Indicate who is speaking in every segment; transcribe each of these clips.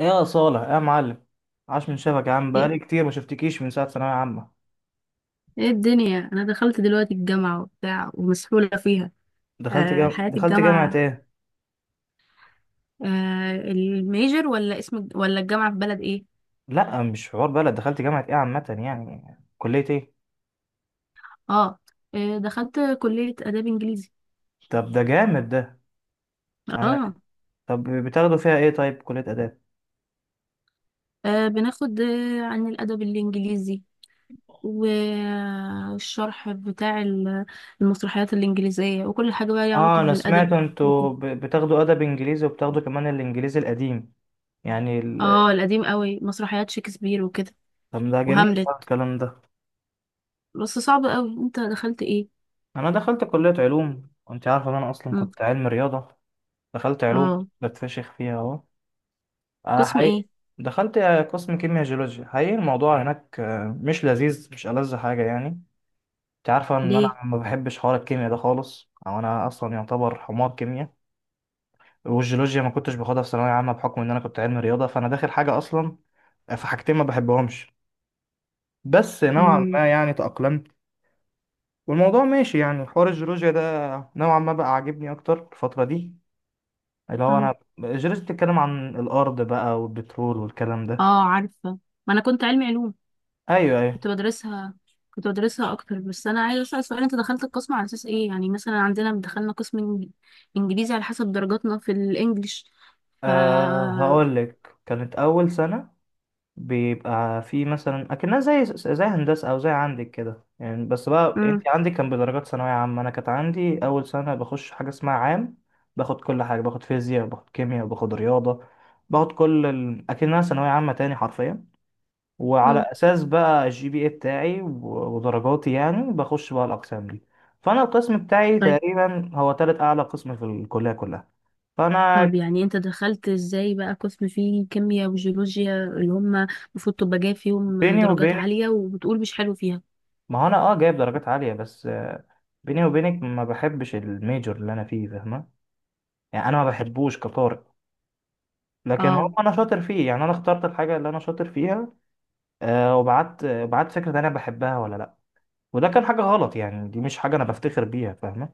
Speaker 1: يا صالح يا معلم، عاش من شافك يا عم.
Speaker 2: ايه.
Speaker 1: بقالي كتير ما شفتكيش من ساعة ثانوية عامة.
Speaker 2: ايه الدنيا، انا دخلت دلوقتي الجامعة وبتاع ومسحولة فيها. آه حياة
Speaker 1: دخلت جامعة
Speaker 2: الجامعة.
Speaker 1: ايه؟
Speaker 2: آه الميجر ولا اسم ولا الجامعة في بلد ايه؟
Speaker 1: لا مش حوار بلد، دخلت جامعة ايه عامة يعني كلية ايه؟
Speaker 2: اه. دخلت كلية اداب انجليزي.
Speaker 1: طب ده جامد ده. انا...
Speaker 2: اه.
Speaker 1: طب بتاخدوا فيها ايه طيب، كلية آداب؟
Speaker 2: آه بناخد عن الادب الانجليزي، والشرح بتاع المسرحيات الانجليزية وكل حاجة بقى ليها
Speaker 1: اه
Speaker 2: علاقة
Speaker 1: انا
Speaker 2: بالادب
Speaker 1: سمعت انتوا
Speaker 2: وكده.
Speaker 1: بتاخدوا آداب انجليزي وبتاخدوا كمان الانجليزي القديم، يعني
Speaker 2: اه القديم قوي، مسرحيات شكسبير وكده
Speaker 1: طب ده جميل
Speaker 2: وهاملت.
Speaker 1: بقى الكلام ده.
Speaker 2: بس صعب قوي، انت دخلت ايه؟
Speaker 1: انا دخلت كلية علوم وانت عارفة ان انا اصلا
Speaker 2: مم.
Speaker 1: كنت علم رياضة. دخلت علوم
Speaker 2: اه.
Speaker 1: بتفشخ فيها اهو، أنا
Speaker 2: قسم ايه؟
Speaker 1: حقيقي. دخلت قسم كيمياء جيولوجيا، حقيقي الموضوع هناك مش لذيذ، مش ألذ حاجة يعني. أنت عارفة إن
Speaker 2: ليه؟
Speaker 1: أنا ما بحبش حوار الكيمياء ده خالص، أو أنا أصلا يعتبر حمار كيمياء. والجيولوجيا ما كنتش باخدها في ثانوية عامة بحكم إن أنا كنت علمي رياضة فأنا داخل حاجة أصلا، في حاجتين ما بحبهمش. بس نوعا
Speaker 2: امم.
Speaker 1: ما يعني تأقلمت والموضوع ماشي، يعني حوار الجيولوجيا ده نوعا ما بقى عاجبني أكتر الفترة دي، اللي هو
Speaker 2: اه.
Speaker 1: أنا الجيولوجيا بتتكلم عن الأرض بقى والبترول والكلام ده.
Speaker 2: اه عارفه. ما انا كنت علمي علوم،
Speaker 1: أيوه، أيوه.
Speaker 2: كنت بدرسها كنت بدرسها اكتر. بس انا عايزه اسال سؤال، انت دخلت القسم على اساس ايه؟ يعني مثلا عندنا دخلنا قسم إنج- انجليزي على حسب درجاتنا في الانجليش. ف
Speaker 1: أه، هقول لك، كانت أول سنة بيبقى في مثلا أكنها زي هندسة أو زي عندك كده يعني، بس بقى أنت
Speaker 2: امم.
Speaker 1: عندك كان بدرجات ثانوية عامة، أنا كانت عندي أول سنة بخش حاجة اسمها عام. باخد كل حاجة، باخد فيزياء، باخد كيمياء، باخد رياضة، أكنها ثانوية عامة تاني حرفيا. وعلى
Speaker 2: امم.
Speaker 1: أساس بقى الجي بي إيه بتاعي و- ودرجاتي يعني بخش بقى الأقسام دي. فأنا القسم بتاعي
Speaker 2: طيب.
Speaker 1: تقريبا هو تالت أعلى قسم في الكلية كلها. فأنا...
Speaker 2: طب يعني انت دخلت ازاي بقى قسم فيه كيمياء وجيولوجيا اللي هم المفروض تبقى جايب فيهم
Speaker 1: بيني
Speaker 2: درجات
Speaker 1: وبين...
Speaker 2: عاليه وبتقول مش حلو فيها؟
Speaker 1: ما هو انا جايب درجات عالية بس بيني وبينك ما بحبش الميجور اللي انا فيه، فاهمة. يعني انا ما بحبوش كطارئ، لكن هو
Speaker 2: اه
Speaker 1: انا شاطر فيه، يعني انا اخترت الحاجة اللي انا شاطر فيها. وبعت بعت فكرة انا بحبها ولا لا. وده كان حاجة غلط، يعني دي مش حاجة انا بفتخر بيها فاهمة.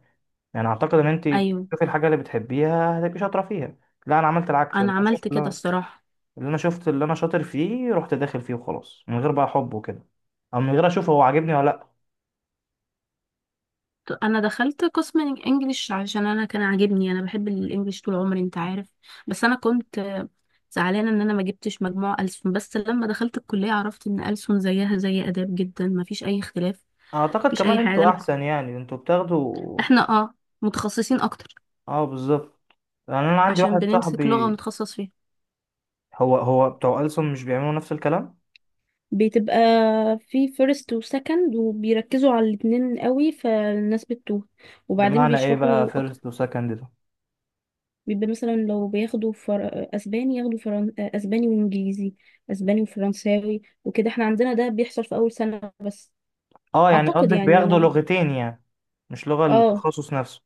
Speaker 1: يعني اعتقد ان انت
Speaker 2: ايوه.
Speaker 1: تشوفي الحاجة اللي بتحبيها هتبقي شاطرة فيها. لا انا عملت العكس،
Speaker 2: انا
Speaker 1: اللي انا
Speaker 2: عملت
Speaker 1: شفت.
Speaker 2: كده
Speaker 1: لا،
Speaker 2: الصراحه.
Speaker 1: اللي انا شفت اللي انا شاطر فيه رحت داخل فيه وخلاص، من غير بقى حب وكده، او من غير اشوف هو عاجبني ولا لا.
Speaker 2: انا دخلت قسم انجليش عشان انا كان عاجبني، انا بحب الانجليش طول عمري انت عارف. بس انا كنت زعلانه ان انا ما جبتش مجموع ألسن، بس لما دخلت الكليه عرفت ان ألسن زيها زي اداب جدا، ما فيش اي اختلاف.
Speaker 1: اعتقد
Speaker 2: مفيش اي
Speaker 1: كمان
Speaker 2: حاجه،
Speaker 1: انتوا احسن، يعني انتوا بتاخدوا.
Speaker 2: احنا متخصصين اكتر،
Speaker 1: اه بالظبط. يعني انا عندي
Speaker 2: عشان
Speaker 1: واحد
Speaker 2: بنمسك لغه
Speaker 1: صاحبي.
Speaker 2: ونتخصص فيها.
Speaker 1: هو بتوع ألسن مش بيعملوا نفس الكلام.
Speaker 2: بتبقى في فيرست وسكند وبيركزوا على الاتنين قوي فالناس بتتوه، وبعدين
Speaker 1: بمعنى ايه بقى
Speaker 2: بيشرحوا.
Speaker 1: فيرست وسكند ده؟
Speaker 2: بيبقى مثلا لو بياخدوا اسباني، اسباني وانجليزي، اسباني وفرنساوي وكده. احنا عندنا ده بيحصل في اول سنة بس.
Speaker 1: اه يعني
Speaker 2: اعتقد
Speaker 1: قصدك
Speaker 2: يعني
Speaker 1: بياخدوا
Speaker 2: انا.
Speaker 1: لغتين يعني، مش لغة
Speaker 2: اه.
Speaker 1: التخصص نفسه.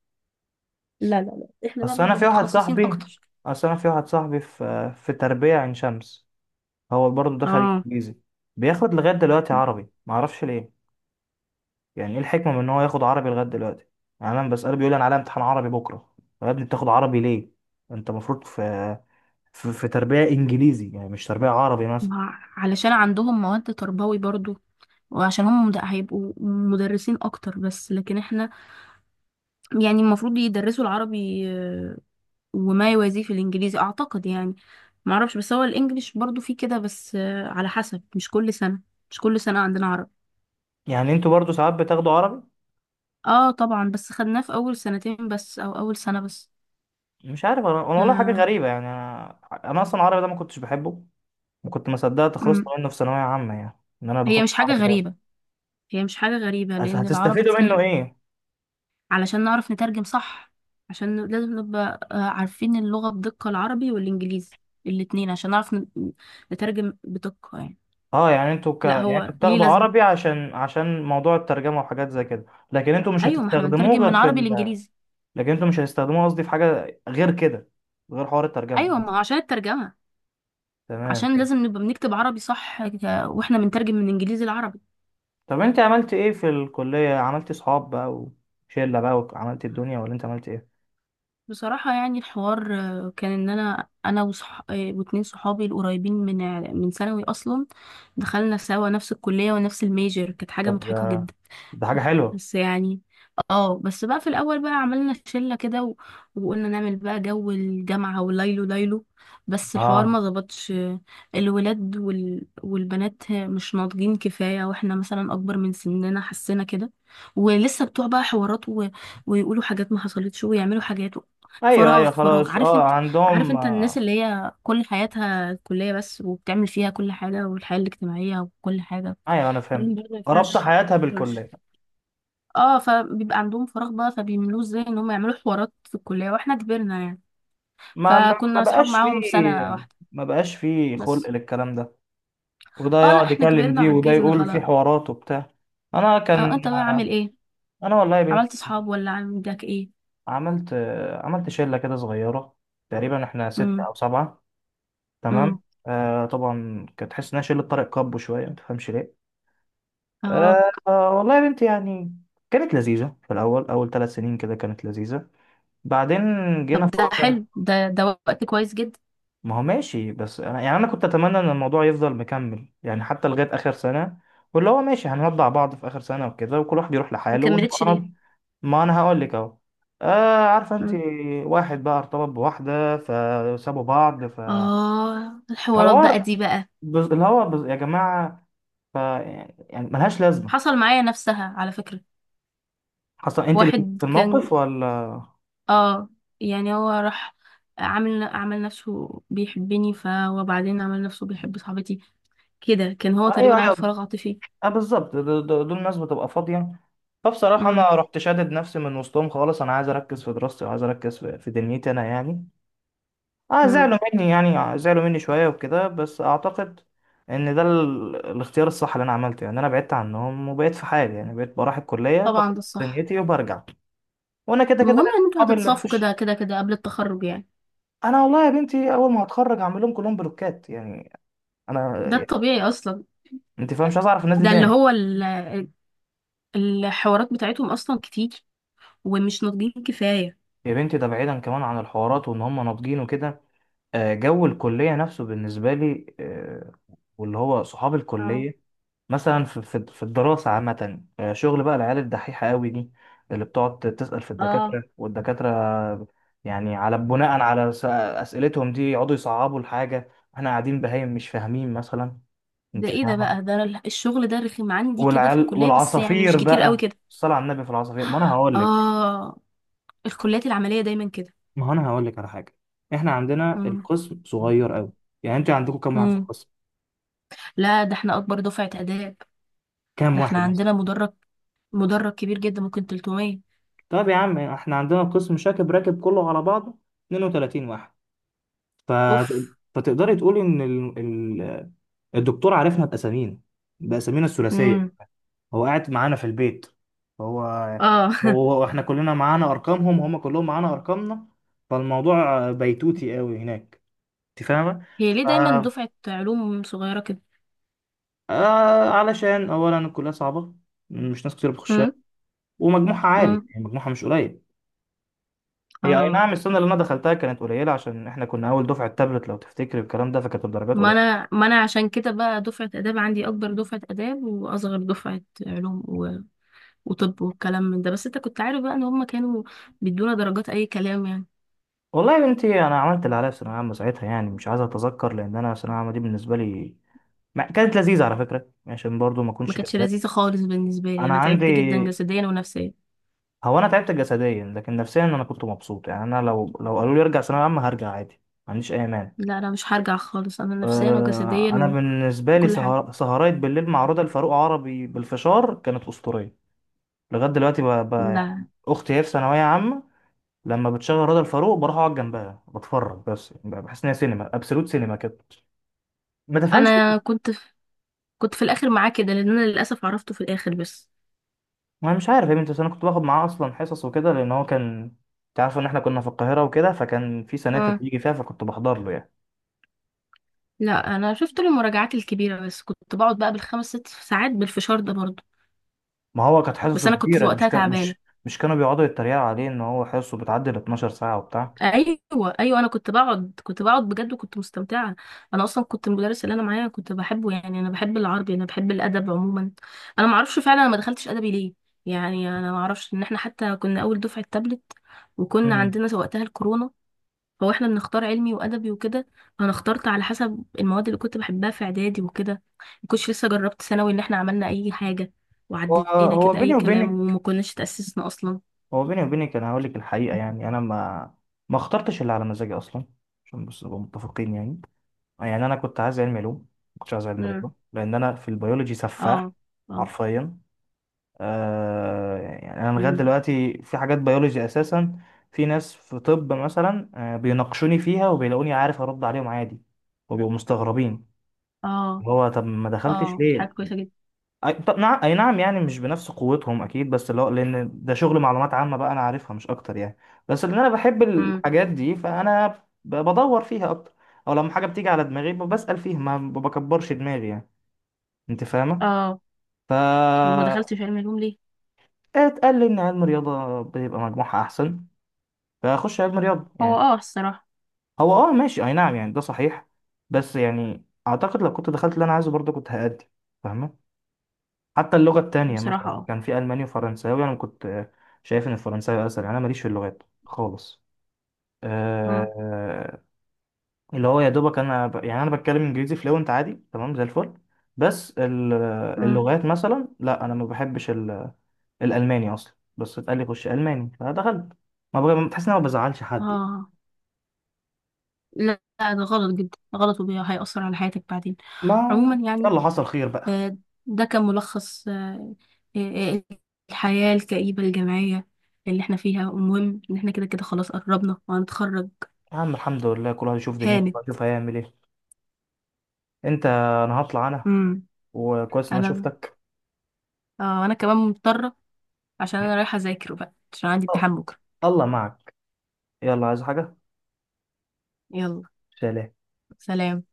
Speaker 2: لا لا لا، احنا بقى
Speaker 1: اصل انا
Speaker 2: بنبقى
Speaker 1: في واحد
Speaker 2: متخصصين
Speaker 1: صاحبي
Speaker 2: اكتر.
Speaker 1: اصل انا في واحد صاحبي في تربية عين شمس. هو برضه دخل
Speaker 2: اه
Speaker 1: انجليزي، بياخد لغاية دلوقتي عربي معرفش ليه. يعني ايه الحكمة من ان هو ياخد عربي لغاية دلوقتي؟ يعني انا بسأله بيقول لي انا عليا امتحان عربي بكرة. طب يا ابني بتاخد عربي ليه؟ انت المفروض في تربية انجليزي، يعني مش تربية عربي مثلا.
Speaker 2: علشان عندهم مواد تربوي برضو، وعشان هم هيبقوا مدرسين اكتر بس، لكن احنا يعني المفروض يدرسوا العربي وما يوازيه في الانجليزي اعتقد يعني. ما اعرفش، بس هو الانجليش برضو فيه كده بس على حسب، مش كل سنة عندنا عربي.
Speaker 1: يعني انتوا برضو ساعات بتاخدوا عربي؟
Speaker 2: اه طبعا، بس خدناه في اول سنتين بس او اول سنة بس.
Speaker 1: مش عارف انا والله حاجه
Speaker 2: آه.
Speaker 1: غريبه يعني انا. انا اصلا العربي ده ما كنتش بحبه، وكنت ما صدقت خلصت
Speaker 2: أمم.
Speaker 1: منه في ثانويه عامه، يعني ان انا
Speaker 2: هي
Speaker 1: باخد
Speaker 2: مش حاجة
Speaker 1: عربي ده.
Speaker 2: غريبة هي مش حاجة غريبة
Speaker 1: بس
Speaker 2: لان العربي
Speaker 1: هتستفيدوا منه
Speaker 2: تقيل.
Speaker 1: ايه؟
Speaker 2: علشان نعرف نترجم صح، لازم نبقى عارفين اللغة بدقة، العربي والانجليزي الاتنين، عشان نعرف نترجم بدقة يعني.
Speaker 1: اه يعني
Speaker 2: لا
Speaker 1: يعني
Speaker 2: هو
Speaker 1: انتوا
Speaker 2: ليه
Speaker 1: بتاخدوا
Speaker 2: لازمة.
Speaker 1: عربي عشان موضوع الترجمه وحاجات زي كده. لكن انتوا مش
Speaker 2: ايوه، ما احنا
Speaker 1: هتستخدموه
Speaker 2: بنترجم من
Speaker 1: غير في
Speaker 2: عربي
Speaker 1: ال...
Speaker 2: لانجليزي.
Speaker 1: لكن انتوا مش هتستخدموه قصدي في حاجه غير كده، غير حوار الترجمه.
Speaker 2: ايوه، ما هو عشان الترجمة.
Speaker 1: تمام.
Speaker 2: عشان لازم نبقى بنكتب عربي صح واحنا بنترجم من انجليزي لعربي.
Speaker 1: طب انت عملت ايه في الكليه؟ عملت صحاب بقى وشله بقى وعملت الدنيا، ولا انت عملت ايه؟
Speaker 2: بصراحة يعني الحوار كان ان انا وصح... آه، واتنين صحابي القريبين من ثانوي اصلا، دخلنا سوا نفس الكلية ونفس الميجر، كانت حاجة
Speaker 1: طب
Speaker 2: مضحكة
Speaker 1: ده
Speaker 2: جدا.
Speaker 1: ده حاجه حلوه.
Speaker 2: بس يعني اه بس بقى في الاول بقى عملنا شله كده وقلنا نعمل بقى جو الجامعه وليلو ليلو. بس الحوار ما
Speaker 1: اه،
Speaker 2: ظبطش. الولاد والبنات مش ناضجين كفايه، واحنا مثلا اكبر من سننا حسينا كده. ولسه بتوع بقى حوارات ويقولوا حاجات ما حصلتش، ويعملوا حاجات
Speaker 1: ايوه،
Speaker 2: فراغ.
Speaker 1: ايوه،
Speaker 2: فراغ
Speaker 1: خلاص.
Speaker 2: عارف
Speaker 1: اه
Speaker 2: انت.
Speaker 1: عندهم
Speaker 2: الناس اللي هي كل حياتها كليه بس وبتعمل فيها كل حاجه، والحياه الاجتماعيه وكل حاجه،
Speaker 1: ايوه، انا
Speaker 2: الكلام ده
Speaker 1: فهمت
Speaker 2: ما
Speaker 1: ربط
Speaker 2: ينفعش ما
Speaker 1: حياتها
Speaker 2: ينفعش.
Speaker 1: بالكليه.
Speaker 2: اه، فبيبقى عندهم فراغ بقى، فبيملوه ازاي؟ ان هم يعملوا حوارات في الكلية، واحنا كبرنا يعني.
Speaker 1: ما
Speaker 2: فكنا اصحاب
Speaker 1: بقاش فيه،
Speaker 2: معاهم سنة واحدة
Speaker 1: ما بقاش فيه
Speaker 2: بس.
Speaker 1: خلق للكلام ده. وده
Speaker 2: اه، لا
Speaker 1: يقعد
Speaker 2: احنا
Speaker 1: يكلم
Speaker 2: كبرنا
Speaker 1: دي وده
Speaker 2: وعجزنا
Speaker 1: يقول في
Speaker 2: خلاص.
Speaker 1: حوارات وبتاع. انا كان
Speaker 2: اه انت بقى عامل
Speaker 1: آه،
Speaker 2: ايه؟
Speaker 1: انا والله يا بنتي
Speaker 2: عملت اصحاب ولا عندك ايه؟
Speaker 1: عملت عملت شله كده صغيره. تقريبا احنا ستة
Speaker 2: امم.
Speaker 1: او سبعة. تمام.
Speaker 2: امم.
Speaker 1: طبعا كانت تحس انها شله طارق كابو شويه ما تفهمش ليه.
Speaker 2: اه
Speaker 1: آه والله يا بنتي يعني كانت لذيذه في الاول، اول 3 سنين كده كانت لذيذه. بعدين جينا
Speaker 2: طب
Speaker 1: في
Speaker 2: ده
Speaker 1: رابع.
Speaker 2: حلو، ده وقت كويس جدا.
Speaker 1: ما هو ماشي بس انا يعني انا كنت اتمنى ان الموضوع يفضل مكمل، يعني حتى لغايه اخر سنه، واللي هو ماشي هنودع بعض في اخر سنه وكده وكل واحد يروح
Speaker 2: ما
Speaker 1: لحاله ونبقى
Speaker 2: كملتش ليه؟
Speaker 1: قرب-... ما انا هقول لك اهو. عارفه انت،
Speaker 2: مم.
Speaker 1: واحد بقى ارتبط بواحده فسابوا بعض.
Speaker 2: اه الحوارات بقى
Speaker 1: فحوار
Speaker 2: دي بقى.
Speaker 1: بز... اللي هو بز... يا جماعه، يعني ملهاش لازمه.
Speaker 2: حصل معايا نفسها على فكرة.
Speaker 1: حصل؟ انت اللي كنت
Speaker 2: واحد
Speaker 1: في
Speaker 2: كان،
Speaker 1: الموقف ولا
Speaker 2: اه يعني هو راح عمل نفسه بيحبني، وبعدين عمل نفسه بيحب صاحبتي. كده كان هو
Speaker 1: ايوه،
Speaker 2: تقريبا عنده
Speaker 1: ايوه،
Speaker 2: فراغ عاطفي.
Speaker 1: اه بالظبط. دول ناس بتبقى فاضية. فبصراحة أنا
Speaker 2: امم.
Speaker 1: رحت شادد نفسي من وسطهم خالص، أنا عايز أركز في دراستي وعايز أركز في دنيتي أنا يعني. اه
Speaker 2: امم.
Speaker 1: زعلوا مني يعني، زعلوا مني شوية وكده، بس أعتقد إن ده الاختيار الصح اللي أنا عملته. يعني أنا بعدت عنهم وبقيت في حالي، يعني بقيت بروح الكلية
Speaker 2: طبعا ده
Speaker 1: بخلص
Speaker 2: الصح.
Speaker 1: دنيتي وبرجع. وأنا كده كده
Speaker 2: المهم
Speaker 1: ليا
Speaker 2: ان انتوا
Speaker 1: صحابي اللي
Speaker 2: هتتصافوا
Speaker 1: في...
Speaker 2: كده كده كده قبل التخرج يعني.
Speaker 1: أنا والله يا بنتي أول ما هتخرج هعمل لهم كلهم بلوكات، يعني أنا
Speaker 2: ده
Speaker 1: يعني
Speaker 2: الطبيعي اصلا.
Speaker 1: أنت فاهم، مش عايز أعرف الناس دي
Speaker 2: ده اللي
Speaker 1: تاني.
Speaker 2: هو الحوارات بتاعتهم اصلا كتير، ومش ناضجين كفاية.
Speaker 1: يا بنتي ده بعيدا كمان عن الحوارات وإن هم ناضجين وكده. جو الكلية نفسه بالنسبة لي واللي هو صحاب
Speaker 2: اه.
Speaker 1: الكلية مثلا في الدراسة عامة، شغل بقى العيال الدحيحة قوي دي، اللي بتقعد تسأل في
Speaker 2: اه
Speaker 1: الدكاترة والدكاترة. يعني على بناء على أسئلتهم دي يقعدوا يصعبوا الحاجة، احنا قاعدين بهايم مش فاهمين مثلا،
Speaker 2: ده
Speaker 1: انت
Speaker 2: ايه ده
Speaker 1: فاهمة.
Speaker 2: بقى؟ ده الشغل ده رخم عندي كده في
Speaker 1: والعيال
Speaker 2: الكلية، بس يعني مش
Speaker 1: والعصافير
Speaker 2: كتير قوي
Speaker 1: بقى،
Speaker 2: كده.
Speaker 1: الصلاة على النبي في العصافير، ما انا هقول لك.
Speaker 2: اه الكليات العملية دايما كده.
Speaker 1: ما هو انا هقول لك على حاجة، احنا عندنا القسم صغير قوي. يعني انت عندكم كام واحد في
Speaker 2: امم.
Speaker 1: القسم؟
Speaker 2: لا ده احنا اكبر دفعة اداب.
Speaker 1: كام
Speaker 2: ده احنا
Speaker 1: واحد مثلا؟
Speaker 2: عندنا مدرج، كبير جدا، ممكن 300.
Speaker 1: طب يا عم احنا عندنا قسم شاكب راكب كله على بعضه، 32 واحد. ف...
Speaker 2: اوف.
Speaker 1: فتقدري تقولي ان الدكتور عارفنا باسامينا، الثلاثيه.
Speaker 2: امم.
Speaker 1: هو قاعد معانا في البيت، هو
Speaker 2: اه
Speaker 1: هو احنا كلنا معانا ارقامهم، هم كلهم معانا ارقامنا. فالموضوع بيتوتي قوي هناك، انت فاهمه.
Speaker 2: هي ليه دايما دفعة علوم صغيرة كده؟
Speaker 1: علشان اولا الكليه صعبه، مش ناس كتير بتخشها،
Speaker 2: امم.
Speaker 1: ومجموعها عالي
Speaker 2: امم.
Speaker 1: يعني مجموعها مش قليل. هي اي
Speaker 2: اه
Speaker 1: نعم السنه اللي انا دخلتها كانت قليله، عشان احنا كنا اول دفعه تابلت لو تفتكر الكلام ده، فكانت الدرجات قليله.
Speaker 2: ما انا عشان كده بقى دفعة اداب عندي، اكبر دفعة اداب واصغر دفعة علوم وطب، والكلام من ده. بس انت كنت عارف بقى ان هم كانوا بيدونا درجات اي كلام يعني.
Speaker 1: والله يا بنتي انا عملت اللي عليا في ثانويه عامه ساعتها، يعني مش عايز اتذكر، لان انا ثانويه عامه دي بالنسبه لي ما كانت لذيذه على فكره، عشان برضو ما
Speaker 2: ما
Speaker 1: اكونش
Speaker 2: كانتش
Speaker 1: كذاب.
Speaker 2: لذيذة خالص بالنسبة لي،
Speaker 1: انا
Speaker 2: انا
Speaker 1: عندي...
Speaker 2: تعبت جدا جسديا ونفسيا.
Speaker 1: هو انا تعبت جسديا لكن نفسيا انا كنت مبسوط، يعني انا لو قالوا لي ارجع ثانويه عامه هرجع عادي، ما عنديش اي مانع.
Speaker 2: لا انا مش هرجع خالص، انا نفسيا وجسديا
Speaker 1: انا بالنسبه لي
Speaker 2: وكل حاجة.
Speaker 1: سهرات بالليل مع رضا الفاروق عربي بالفشار كانت اسطوريه. لغايه دلوقتي يعني
Speaker 2: لا
Speaker 1: اختي هي في ثانويه عامه، لما بتشغل رضا الفاروق بروح اقعد جنبها بتفرج بس، يعني بحس ان هي سينما، ابسولوت سينما كده، ما تفهمش
Speaker 2: انا
Speaker 1: ليه.
Speaker 2: كنت في الاخر معاه كده، لان انا للاسف عرفته في الاخر بس.
Speaker 1: انا مش عارف يا بنتي، بس انا كنت باخد معاه اصلا حصص وكده لان هو كان، انت عارف ان احنا كنا في القاهره وكده فكان في سناتر
Speaker 2: اه
Speaker 1: بيجي فيها فكنت بحضر له يعني.
Speaker 2: لا، انا شفت له المراجعات الكبيره، بس كنت بقعد بقى بالخمس ست ساعات بالفشار ده برضه.
Speaker 1: ما هو كانت
Speaker 2: بس
Speaker 1: حصصه
Speaker 2: انا كنت
Speaker 1: كبيره، مش
Speaker 2: وقتها
Speaker 1: كان
Speaker 2: تعبانه.
Speaker 1: مش مش كانوا بيقعدوا يتريقوا عليه ان هو حصصه بتعدي ال 12 ساعه وبتاع.
Speaker 2: ايوه. ايوه، انا كنت بقعد بجد وكنت مستمتعه. انا اصلا كنت المدرس اللي انا معايا كنت بحبه، يعني انا بحب العربي، انا بحب الادب عموما. انا ما اعرفش فعلا انا ما دخلتش ادبي ليه. يعني انا ما اعرفش، ان احنا حتى كنا اول دفعه تابلت وكنا
Speaker 1: امم
Speaker 2: عندنا وقتها الكورونا. هو احنا بنختار علمي وادبي وكده، انا اخترت على حسب المواد اللي كنت بحبها في اعدادي وكده، ما كنتش لسه جربت ثانوي ان احنا عملنا اي حاجه.
Speaker 1: هو
Speaker 2: وعدينا
Speaker 1: هو
Speaker 2: كده
Speaker 1: بيني
Speaker 2: اي كلام
Speaker 1: وبينك
Speaker 2: وما كناش تاسسنا اصلا.
Speaker 1: هو بيني وبينك انا هقول لك الحقيقه، يعني انا ما اخترتش اللي على مزاجي اصلا، عشان بس نبقى متفقين يعني. يعني انا كنت عايز علم علوم ما كنتش عايز علم
Speaker 2: امم.
Speaker 1: رياضه، لان انا في البيولوجي سفاح
Speaker 2: اه. اه.
Speaker 1: حرفيا. يعني انا لغايه
Speaker 2: امم.
Speaker 1: دلوقتي في حاجات بيولوجي اساسا، في ناس في طب مثلا بيناقشوني فيها وبيلاقوني عارف ارد عليهم عادي، وبيبقوا مستغربين.
Speaker 2: اه.
Speaker 1: اللي هو طب ما دخلتش
Speaker 2: اه. دي حاجه
Speaker 1: ليه؟
Speaker 2: كويسه جدا.
Speaker 1: طب نعم، اي نعم، يعني مش بنفس قوتهم اكيد، بس اللي هو لان ده شغل معلومات عامة بقى انا عارفها مش اكتر يعني. بس لان انا بحب
Speaker 2: امم.
Speaker 1: الحاجات دي فانا بدور فيها اكتر، او لما حاجة بتيجي على دماغي بسأل فيها، ما بكبرش دماغي يعني، انت فاهمة.
Speaker 2: اه
Speaker 1: ف
Speaker 2: طب وما دخلتش علم علوم ليه؟
Speaker 1: اتقال لي ان علم رياضة بيبقى مجموعها احسن فاخش علم رياضة
Speaker 2: هو
Speaker 1: يعني.
Speaker 2: الصراحه.
Speaker 1: هو ماشي اي نعم، يعني ده صحيح، بس يعني اعتقد لو كنت دخلت اللي انا عايزه برضه كنت هأدي، فاهمة. حتى اللغة التانية
Speaker 2: بصراحه
Speaker 1: مثلا
Speaker 2: اه.
Speaker 1: كان في ألماني وفرنساوي، أنا كنت شايف إن الفرنساوي أسهل، أنا ماليش في اللغات خالص
Speaker 2: امم.
Speaker 1: آه، اللي هو يا دوبك أنا يعني أنا بتكلم إنجليزي فلوينت عادي تمام زي الفل، بس
Speaker 2: امم.
Speaker 1: اللغات مثلا لا أنا ما بحبش الألماني أصلا، بس اتقال لي خش ألماني فدخلت. ما بغ... بتحس إن أنا ما بزعلش حد يعني.
Speaker 2: اه. لا لا، ده غلط جدا غلط، وهيأثر على حياتك بعدين
Speaker 1: ما
Speaker 2: عموما يعني.
Speaker 1: يلا، حصل خير بقى.
Speaker 2: آه، ده كان ملخص آه، آه، الحياة الكئيبة الجامعية اللي احنا فيها. المهم ان احنا كده كده خلاص قربنا وهنتخرج.
Speaker 1: يا عم الحمد لله، كل واحد يشوف دنيته
Speaker 2: هانت.
Speaker 1: بقى يشوف هيعمل إيه. أنت أنا هطلع أنا.
Speaker 2: امم.
Speaker 1: وكويس إن أنا
Speaker 2: انا
Speaker 1: شفتك.
Speaker 2: انا كمان مضطرة، عشان انا رايحة اذاكر بقى عشان عندي
Speaker 1: آه،
Speaker 2: امتحان بكرة.
Speaker 1: الله معك. يلا عايز حاجة؟
Speaker 2: يلا.
Speaker 1: شالها.
Speaker 2: سلام.